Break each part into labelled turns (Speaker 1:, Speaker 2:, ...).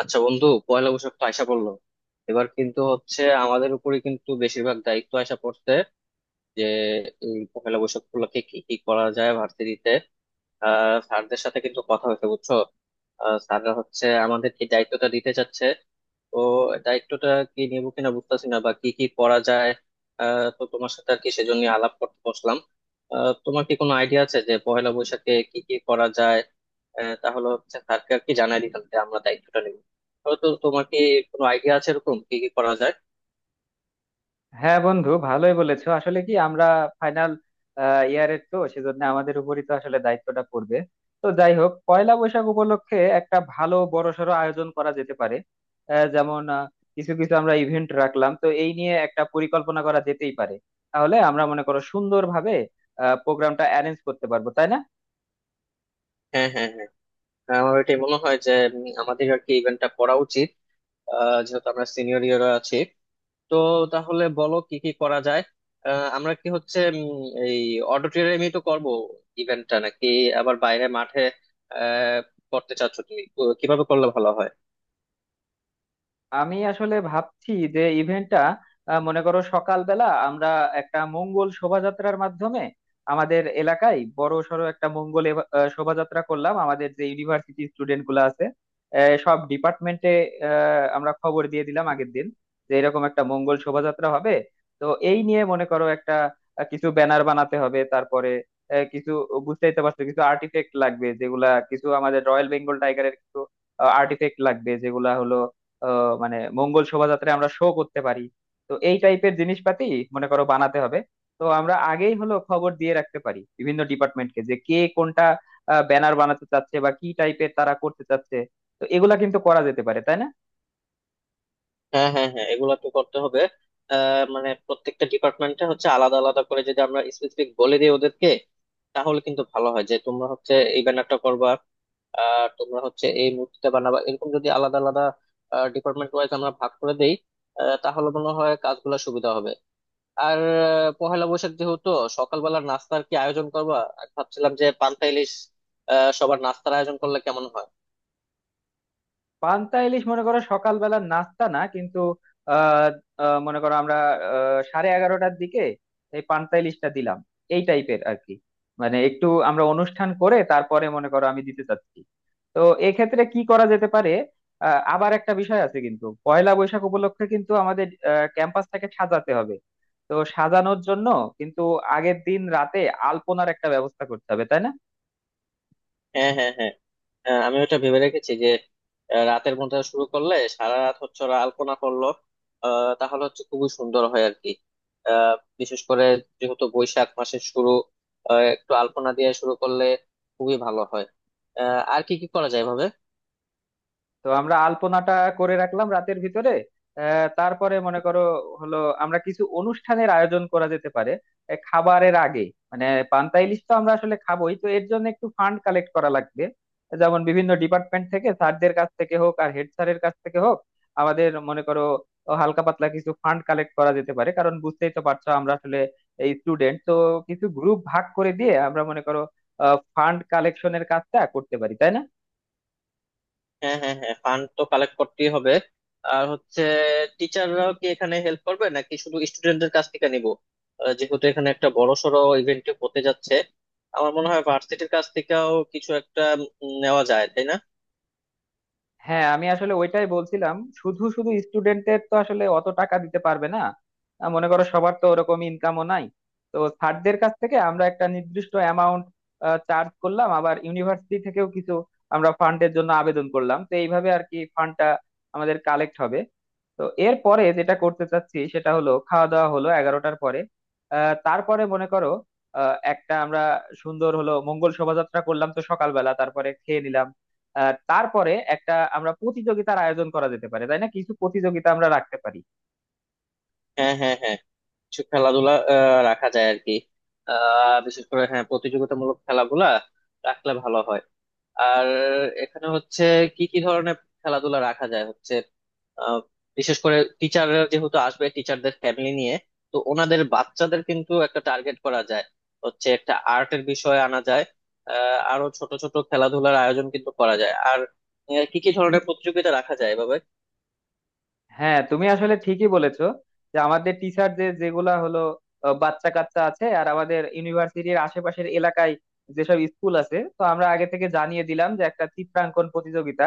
Speaker 1: আচ্ছা বন্ধু, পয়লা বৈশাখ তো আইসা পড়লো। এবার কিন্তু হচ্ছে আমাদের উপরে কিন্তু বেশিরভাগ দায়িত্ব আইসা পড়ছে যে এই পয়লা বৈশাখ উপলক্ষে কি কি করা যায় ভার্সিটিতে। স্যারদের সাথে কিন্তু কথা হয়েছে, বুঝছো? স্যাররা হচ্ছে আমাদের কি দায়িত্বটা দিতে চাচ্ছে। তো দায়িত্বটা কি নিব কিনা বুঝতেছি না, বা কি কি করা যায়। তো তোমার সাথে আর কি সেজন্য আলাপ করতে বসলাম। তোমার কি কোনো আইডিয়া আছে যে পয়লা বৈশাখে কি কি করা যায়? তাহলে হচ্ছে স্যারকে আর কি জানাই দিতাম যে আমরা দায়িত্বটা নেব। তো তোমার কি কোনো আইডিয়া আছে এরকম কি কি করা যায়?
Speaker 2: হ্যাঁ বন্ধু, ভালোই বলেছো। আসলে কি আমরা ফাইনাল ইয়ারের, তো সেজন্য আমাদের উপরই তো আসলে দায়িত্বটা পড়বে। তো যাই হোক, পয়লা বৈশাখ উপলক্ষে একটা ভালো বড়সড় আয়োজন করা যেতে পারে। আহ, যেমন আহ, কিছু কিছু আমরা ইভেন্ট রাখলাম, তো এই নিয়ে একটা পরিকল্পনা করা যেতেই পারে। তাহলে আমরা মনে করো সুন্দরভাবে প্রোগ্রামটা অ্যারেঞ্জ করতে পারবো, তাই না?
Speaker 1: হ্যাঁ, হ্যাঁ, হ্যাঁ। হ্যাঁ, আমার এটা মনে হয় যে আমাদের আর কি ইভেন্টটা করা উচিত। যেহেতু আমরা সিনিয়র ইয়াররা আছি, তো তাহলে বলো কি কি করা যায়। আমরা কি হচ্ছে এই অডিটোরিয়ামে তো করব ইভেন্টটা, নাকি আবার বাইরে মাঠে আহ করতে চাচ্ছ তুমি? তো কিভাবে করলে ভালো হয়?
Speaker 2: আমি আসলে ভাবছি যে ইভেন্টটা, মনে করো সকালবেলা আমরা একটা মঙ্গল শোভাযাত্রার মাধ্যমে আমাদের এলাকায় বড় সড়ো একটা মঙ্গল শোভাযাত্রা করলাম। আমাদের যে ইউনিভার্সিটি স্টুডেন্ট গুলো আছে, সব ডিপার্টমেন্টে আমরা খবর দিয়ে দিলাম আগের দিন, যে এরকম একটা মঙ্গল শোভাযাত্রা হবে। তো এই নিয়ে মনে করো একটা কিছু ব্যানার বানাতে হবে। তারপরে কিছু, বুঝতেই তো পারছো, কিছু আর্টিফেক্ট লাগবে যেগুলা কিছু আমাদের রয়্যাল বেঙ্গল টাইগারের কিছু আর্টিফেক্ট লাগবে, যেগুলা হলো মানে মঙ্গল শোভাযাত্রায় আমরা শো করতে পারি। তো এই টাইপের জিনিসপাতি মনে করো বানাতে হবে। তো আমরা আগেই হলো খবর দিয়ে রাখতে পারি বিভিন্ন ডিপার্টমেন্টকে, যে কে কোনটা ব্যানার বানাতে চাচ্ছে বা কি টাইপের তারা করতে চাচ্ছে। তো এগুলা কিন্তু করা যেতে পারে, তাই না?
Speaker 1: হ্যাঁ, হ্যাঁ, হ্যাঁ, এগুলা তো করতে হবে। মানে প্রত্যেকটা ডিপার্টমেন্টে হচ্ছে আলাদা আলাদা করে যদি আমরা স্পেসিফিক বলে দিই ওদেরকে, তাহলে কিন্তু ভালো হয় যে তোমরা হচ্ছে এই ব্যানারটা করবা আর তোমরা হচ্ছে এই মূর্তিটা বানাবা, এরকম যদি আলাদা আলাদা ডিপার্টমেন্ট ওয়াইজ আমরা ভাগ করে দেই। তাহলে মনে হয় কাজগুলো সুবিধা হবে। আর পহেলা বৈশাখ যেহেতু সকালবেলা নাস্তার কি আয়োজন করবা, আমি ভাবছিলাম যে পান্তা ইলিশ। সবার নাস্তার আয়োজন করলে কেমন হয়?
Speaker 2: পান্তা ইলিশ মনে করো সকালবেলার নাস্তা না কিন্তু। আহ আহ, মনে করো আমরা 11:30টার দিকে এই পান্তা ইলিশটা দিলাম, এই টাইপের আর কি। মানে একটু আমরা অনুষ্ঠান করে তারপরে মনে করো আমি দিতে চাচ্ছি। তো এক্ষেত্রে কি করা যেতে পারে? আবার একটা বিষয় আছে কিন্তু, পয়লা বৈশাখ উপলক্ষে কিন্তু আমাদের ক্যাম্পাসটাকে সাজাতে হবে। তো সাজানোর জন্য কিন্তু আগের দিন রাতে আলপনার একটা ব্যবস্থা করতে হবে, তাই না?
Speaker 1: হ্যাঁ, হ্যাঁ, হ্যাঁ। হ্যাঁ, আমি ওটা ভেবে রেখেছি যে রাতের ঘুমটা শুরু করলে সারা রাত হচ্ছে ওরা আলপনা করলো। তাহলে হচ্ছে খুবই সুন্দর হয় আর কি। আহ, বিশেষ করে যেহেতু বৈশাখ মাসের শুরু, একটু আলপনা দিয়ে শুরু করলে খুবই ভালো হয়। আর কি কি করা যায় ভাবে?
Speaker 2: তো আমরা আলপনাটা করে রাখলাম রাতের ভিতরে। তারপরে মনে করো হলো আমরা কিছু অনুষ্ঠানের আয়োজন করা যেতে পারে, খাবারের আগে। মানে পান্তা ইলিশ তো আমরা আসলে খাবোই, তো এর জন্য একটু ফান্ড কালেক্ট করা লাগবে। যেমন বিভিন্ন ডিপার্টমেন্ট থেকে, স্যারদের কাছ থেকে হোক আর হেড স্যারের কাছ থেকে হোক, আমাদের মনে করো হালকা পাতলা কিছু ফান্ড কালেক্ট করা যেতে পারে। কারণ বুঝতেই তো পারছো আমরা আসলে এই স্টুডেন্ট তো, কিছু গ্রুপ ভাগ করে দিয়ে আমরা মনে করো ফান্ড কালেকশনের কাজটা করতে পারি, তাই না?
Speaker 1: হ্যাঁ, হ্যাঁ, হ্যাঁ, ফান্ড তো কালেক্ট করতেই হবে। আর হচ্ছে টিচাররাও কি এখানে হেল্প করবে নাকি শুধু স্টুডেন্টদের কাছ থেকে নিবো? যেহেতু এখানে একটা বড় সড়ো ইভেন্ট হতে যাচ্ছে, আমার মনে হয় ভার্সিটির কাছ থেকেও কিছু একটা নেওয়া যায়, তাই না?
Speaker 2: হ্যাঁ, আমি আসলে ওইটাই বলছিলাম। শুধু শুধু স্টুডেন্টদের তো আসলে অত টাকা দিতে পারবে না। মনে করো সবার তো ওরকম ইনকামও নাই। তো স্যারদের কাছ থেকে আমরা একটা নির্দিষ্ট অ্যামাউন্ট চার্জ করলাম, আবার ইউনিভার্সিটি থেকেও কিছু আমরা ফান্ডের জন্য আবেদন করলাম। তো এইভাবে আর কি ফান্ডটা আমাদের কালেক্ট হবে। তো এরপরে যেটা করতে চাচ্ছি সেটা হলো, খাওয়া দাওয়া হলো 11টার পরে। আহ, তারপরে মনে করো আহ, একটা আমরা সুন্দর হলো মঙ্গল শোভাযাত্রা করলাম তো সকালবেলা, তারপরে খেয়ে নিলাম। তারপরে একটা আমরা প্রতিযোগিতার আয়োজন করা যেতে পারে, তাই না? কিছু প্রতিযোগিতা আমরা রাখতে পারি।
Speaker 1: হ্যাঁ, হ্যাঁ, হ্যাঁ, কিছু খেলাধুলা রাখা যায় আর কি। বিশেষ করে হ্যাঁ, প্রতিযোগিতামূলক খেলাগুলা রাখলে ভালো হয়। আর এখানে হচ্ছে কি কি ধরনের খেলাধুলা রাখা যায় হচ্ছে আহ, বিশেষ করে টিচাররা যেহেতু আসবে টিচারদের ফ্যামিলি নিয়ে, তো ওনাদের বাচ্চাদের কিন্তু একটা টার্গেট করা যায়। হচ্ছে একটা আর্টের বিষয় আনা যায়। আরো ছোট ছোট খেলাধুলার আয়োজন কিন্তু করা যায়, আর কি কি ধরনের প্রতিযোগিতা রাখা যায় এভাবে?
Speaker 2: হ্যাঁ, তুমি আসলে ঠিকই বলেছো, যে আমাদের টিচার যে যেগুলা হলো বাচ্চা কাচ্চা আছে, আর আমাদের ইউনিভার্সিটির আশেপাশের এলাকায় যেসব স্কুল আছে, তো আমরা আগে থেকে জানিয়ে দিলাম যে একটা চিত্রাঙ্কন প্রতিযোগিতা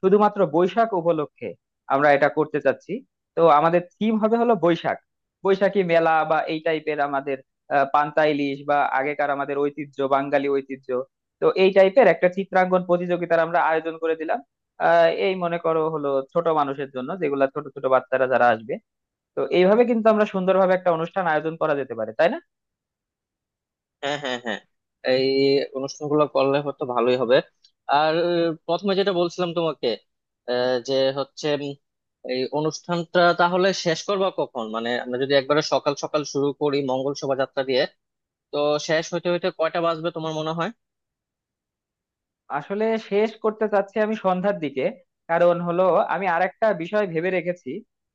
Speaker 2: শুধুমাত্র বৈশাখ উপলক্ষে আমরা এটা করতে চাচ্ছি। তো আমাদের থিম হবে হলো বৈশাখ, বৈশাখী মেলা বা এই টাইপের আমাদের পান্তা ইলিশ বা আগেকার আমাদের ঐতিহ্য, বাঙালি ঐতিহ্য। তো এই টাইপের একটা চিত্রাঙ্কন প্রতিযোগিতার আমরা আয়োজন করে দিলাম। এই মনে করো হলো ছোট মানুষের জন্য, যেগুলা ছোট ছোট বাচ্চারা যারা আসবে। তো এইভাবে কিন্তু আমরা সুন্দরভাবে একটা অনুষ্ঠান আয়োজন করা যেতে পারে, তাই না?
Speaker 1: হ্যাঁ, হ্যাঁ, হ্যাঁ, এই অনুষ্ঠানগুলো করলে হয়তো ভালোই হবে। আর প্রথমে যেটা বলছিলাম তোমাকে, যে হচ্ছে এই অনুষ্ঠানটা তাহলে শেষ করবা কখন? মানে আমরা যদি একবারে সকাল সকাল শুরু করি মঙ্গল শোভাযাত্রা দিয়ে, তো শেষ হইতে হইতে কয়টা বাজবে তোমার মনে হয়?
Speaker 2: আসলে শেষ করতে চাচ্ছি আমি সন্ধ্যার দিকে। কারণ হলো, আমি আরেকটা বিষয় ভেবে রেখেছি।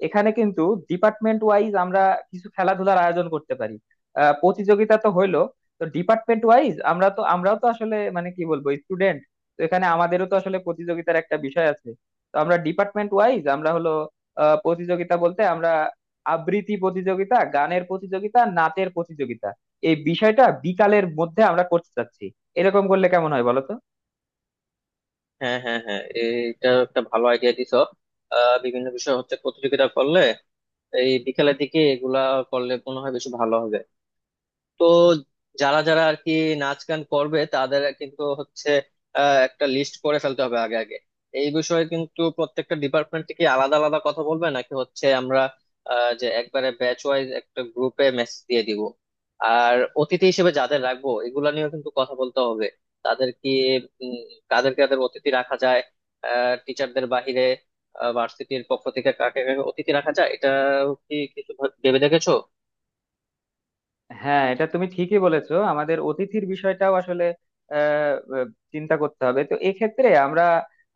Speaker 2: এখানে কিন্তু ডিপার্টমেন্ট ওয়াইজ আমরা কিছু খেলাধুলার আয়োজন করতে পারি। প্রতিযোগিতা তো হইলো, তো ডিপার্টমেন্ট ওয়াইজ আমরাও তো আসলে, মানে কি বলবো, স্টুডেন্ট, তো এখানে আমাদেরও তো আসলে প্রতিযোগিতার একটা বিষয় আছে। তো আমরা ডিপার্টমেন্ট ওয়াইজ হলো প্রতিযোগিতা বলতে আমরা আবৃত্তি প্রতিযোগিতা, গানের প্রতিযোগিতা, নাচের প্রতিযোগিতা, এই বিষয়টা বিকালের মধ্যে আমরা করতে চাচ্ছি। এরকম করলে কেমন হয় বলো তো?
Speaker 1: হ্যাঁ, হ্যাঁ, হ্যাঁ, এইটা একটা ভালো আইডিয়া দিছো। বিভিন্ন বিষয় হচ্ছে প্রতিযোগিতা করলে এই বিকেলের দিকে এগুলা করলে মনে হয় বেশি ভালো হবে। তো যারা যারা আর কি নাচ গান করবে তাদের কিন্তু হচ্ছে একটা লিস্ট করে ফেলতে হবে আগে আগে। এই বিষয়ে কিন্তু প্রত্যেকটা ডিপার্টমেন্ট কি আলাদা আলাদা কথা বলবে নাকি হচ্ছে আমরা যে একবারে ব্যাচ ওয়াইজ একটা গ্রুপে মেসেজ দিয়ে দিব? আর অতিথি হিসেবে যাদের রাখবো এগুলা নিয়েও কিন্তু কথা বলতে হবে। তাদের কি উম, কাদের কাদের অতিথি রাখা যায় টিচারদের বাহিরে? ভার্সিটির পক্ষ থেকে কাকে কাকে অতিথি রাখা যায়, এটা কি কিছু ভেবে দেখেছো?
Speaker 2: হ্যাঁ, এটা তুমি ঠিকই বলেছো, আমাদের অতিথির বিষয়টাও আসলে আহ, আহ, চিন্তা করতে হবে। তো এক্ষেত্রে আমরা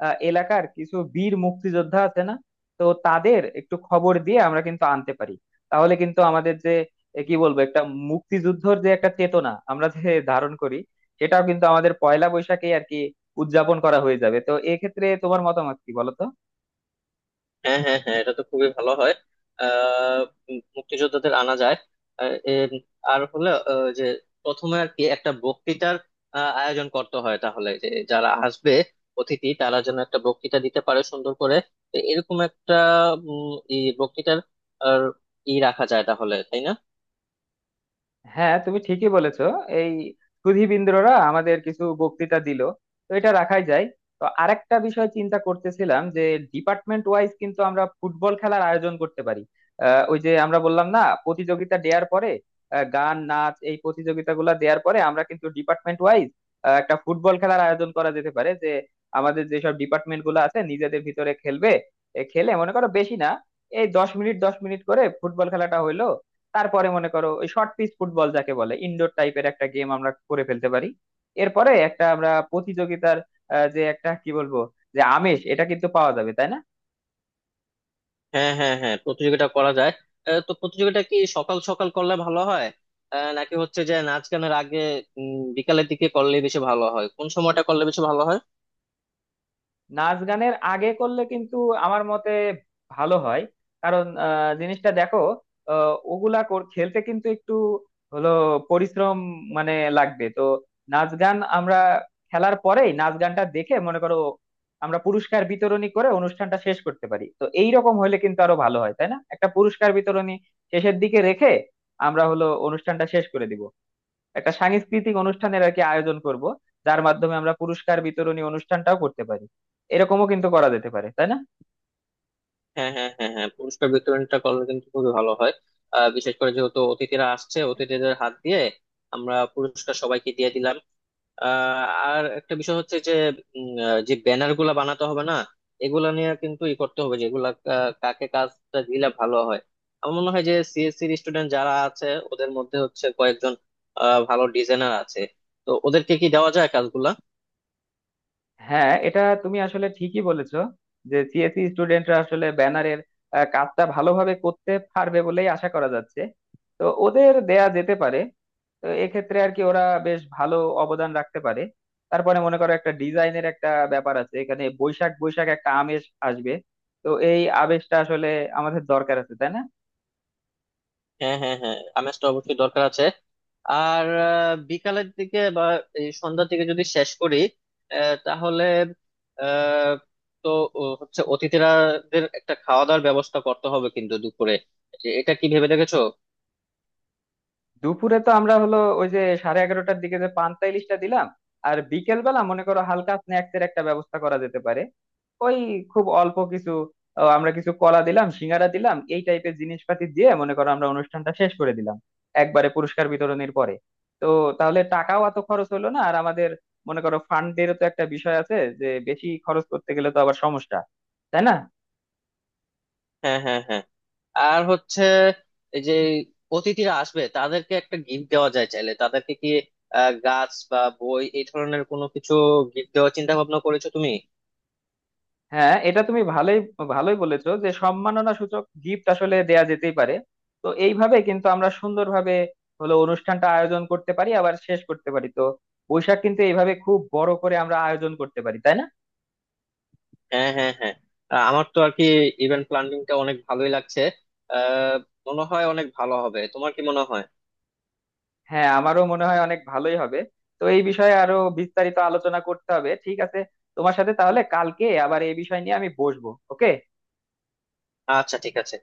Speaker 2: এলাকার কিছু বীর মুক্তিযোদ্ধা আছে না, তো তাদের একটু খবর দিয়ে আমরা কিন্তু আনতে পারি। তাহলে কিন্তু আমাদের যে কি বলবো, একটা মুক্তিযুদ্ধর যে একটা চেতনা আমরা যে ধারণ করি, সেটাও কিন্তু আমাদের পয়লা বৈশাখে আর কি উদযাপন করা হয়ে যাবে। তো এক্ষেত্রে তোমার মতামত কি বলো তো?
Speaker 1: হ্যাঁ, হ্যাঁ, হ্যাঁ, এটা তো খুবই ভালো হয়। আহ মুক্তিযোদ্ধাদের আনা যায়। আর এর- আর হলো যে প্রথমে আর কি একটা বক্তৃতার আয়োজন করতে হয় তাহলে, যে যারা আসবে অতিথি তারা যেন একটা বক্তৃতা দিতে পারে সুন্দর করে। তো এরকম একটা ই বক্তৃতার আর, ই রাখা যায় তাহলে, তাই না?
Speaker 2: হ্যাঁ, তুমি ঠিকই বলেছো। এই সুধীবৃন্দরা আমাদের কিছু বক্তৃতা দিল, তো এটা রাখাই যায়। তো আরেকটা বিষয় চিন্তা করতেছিলাম, যে ডিপার্টমেন্ট ওয়াইজ কিন্তু আমরা ফুটবল খেলার আয়োজন করতে পারি। ওই যে আমরা বললাম না, প্রতিযোগিতা দেওয়ার পরে গান নাচ এই প্রতিযোগিতাগুলো দেওয়ার পরে আমরা কিন্তু ডিপার্টমেন্ট ওয়াইজ একটা ফুটবল খেলার আয়োজন করা যেতে পারে, যে আমাদের যেসব ডিপার্টমেন্ট গুলো আছে নিজেদের ভিতরে খেলবে। এ খেলে মনে করো বেশি না, এই দশ মিনিট 10 মিনিট করে ফুটবল খেলাটা হইলো। তারপরে মনে করো ওই শর্ট পিচ ফুটবল যাকে বলে, ইনডোর টাইপের একটা গেম আমরা করে ফেলতে পারি। এরপরে একটা আমরা প্রতিযোগিতার যে একটা কি বলবো, যে আমেজ, এটা কিন্তু পাওয়া যাবে, তাই না?
Speaker 1: হ্যাঁ, হ্যাঁ, হ্যাঁ, প্রতিযোগিতা করা যায়। তো প্রতিযোগিতা কি সকাল সকাল করলে ভালো হয়? নাকি হচ্ছে যে নাচ গানের আগে, বিকালের দিকে করলে বেশি ভালো হয়? কোন সময়টা করলে বেশি ভালো হয়?
Speaker 2: নাচ গানের আগে করলে কিন্তু আমার মতে ভালো হয়। কারণ জিনিসটা দেখো, খেলতে কিন্তু একটু হলো পরিশ্রম মানে লাগবে তো। নাচ গান আমরা খেলার পরেই নাচ গানটা দেখে মনে করো আমরা পুরস্কার বিতরণী করে অনুষ্ঠানটা শেষ করতে পারি। তো এই রকম হলে কিন্তু আরো ভালো হয়, তাই না? একটা পুরস্কার বিতরণী শেষের দিকে রেখে আমরা হলো অনুষ্ঠানটা শেষ করে দিব। একটা সাংস্কৃতিক অনুষ্ঠানের আর কি আয়োজন করব, যার মাধ্যমে আমরা পুরস্কার বিতরণী অনুষ্ঠানটাও করতে পারি। এরকমও কিন্তু করা যেতে পারে, তাই না?
Speaker 1: হ্যাঁ, হ্যাঁ, হ্যাঁ, হ্যাঁ, পুরস্কার বিতরণটা করলে কিন্তু খুবই ভালো হয়। বিশেষ করে যেহেতু অতিথিরা আসছে, অতিথিদের হাত দিয়ে আমরা পুরস্কার সবাইকে দিয়ে দিলাম। আর একটা বিষয় হচ্ছে যে যে ব্যানার গুলা বানাতে হবে না? এগুলা নিয়ে কিন্তু ই করতে হবে যে এগুলা কাকে কাজটা দিলে ভালো হয়। আমার মনে হয় যে সিএসসি স্টুডেন্ট যারা আছে ওদের মধ্যে হচ্ছে কয়েকজন ভালো ডিজাইনার আছে। তো ওদেরকে কি দেওয়া যায় কাজগুলা?
Speaker 2: হ্যাঁ, এটা তুমি আসলে ঠিকই বলেছো, যে সিএসসি স্টুডেন্টরা আসলে ব্যানারের কাজটা ভালোভাবে করতে পারবে বলেই আশা করা যাচ্ছে। তো ওদের দেয়া যেতে পারে। তো এক্ষেত্রে আর কি ওরা বেশ ভালো অবদান রাখতে পারে। তারপরে মনে করো একটা ডিজাইনের একটা ব্যাপার আছে, এখানে বৈশাখ বৈশাখ একটা আমেজ আসবে। তো এই আবেশটা আসলে আমাদের দরকার আছে, তাই না?
Speaker 1: হ্যাঁ, হ্যাঁ, হ্যাঁ, আমেজটা অবশ্যই দরকার আছে। আর বিকালের দিকে বা এই সন্ধ্যার দিকে যদি শেষ করি, তাহলে, আহ, তো ও হচ্ছে অতিথিরাদের একটা খাওয়া দাওয়ার ব্যবস্থা করতে হবে কিন্তু দুপুরে। এটা কি ভেবে দেখেছো?
Speaker 2: দুপুরে তো আমরা হলো ওই যে 11:30টার দিকে যে পান্তা ইলিশটা দিলাম, আর বিকেল বেলা মনে করো হালকা স্ন্যাক্স এর একটা ব্যবস্থা করা যেতে পারে। ওই খুব অল্প কিছু, আমরা কিছু কলা দিলাম, সিঙ্গারা দিলাম, এই টাইপের জিনিসপাতি দিয়ে মনে করো আমরা অনুষ্ঠানটা শেষ করে দিলাম, একবারে পুরস্কার বিতরণের পরে। তো তাহলে টাকাও এত খরচ হলো না। আর আমাদের মনে করো ফান্ডেরও তো একটা বিষয় আছে, যে বেশি খরচ করতে গেলে তো আবার সমস্যা, তাই না?
Speaker 1: হ্যাঁ, হ্যাঁ, হ্যাঁ। আর হচ্ছে এই যে অতিথিরা আসবে, তাদেরকে একটা গিফট দেওয়া যায় চাইলে। তাদেরকে কি গাছ বা বই এই ধরনের কোনো কিছু গিফট দেওয়ার চিন্তা ভাবনা করেছো তুমি?
Speaker 2: হ্যাঁ, এটা তুমি ভালোই ভালোই বলেছো, যে সম্মাননা সূচক গিফট আসলে দেয়া যেতেই পারে। তো এইভাবে কিন্তু আমরা সুন্দরভাবে হলো অনুষ্ঠানটা আয়োজন করতে পারি, আবার শেষ করতে পারি। তো বৈশাখ কিন্তু এইভাবে খুব বড় করে আমরা আয়োজন করতে পারি, তাই না?
Speaker 1: হ্যাঁ, হ্যাঁ, হ্যাঁ। আমার তো আর কি ইভেন্ট প্ল্যানিংটা অনেক ভালোই লাগছে। আহ মনে হয় অনেক ভালো হবে। তোমার কি মনে হয়?
Speaker 2: হ্যাঁ, আমারও মনে হয় অনেক ভালোই হবে। তো এই বিষয়ে আরো বিস্তারিত আলোচনা করতে হবে, ঠিক আছে? তোমার সাথে তাহলে কালকে আবার এই বিষয় নিয়ে আমি বসবো, ওকে।
Speaker 1: আচ্ছা, ঠিক আছে।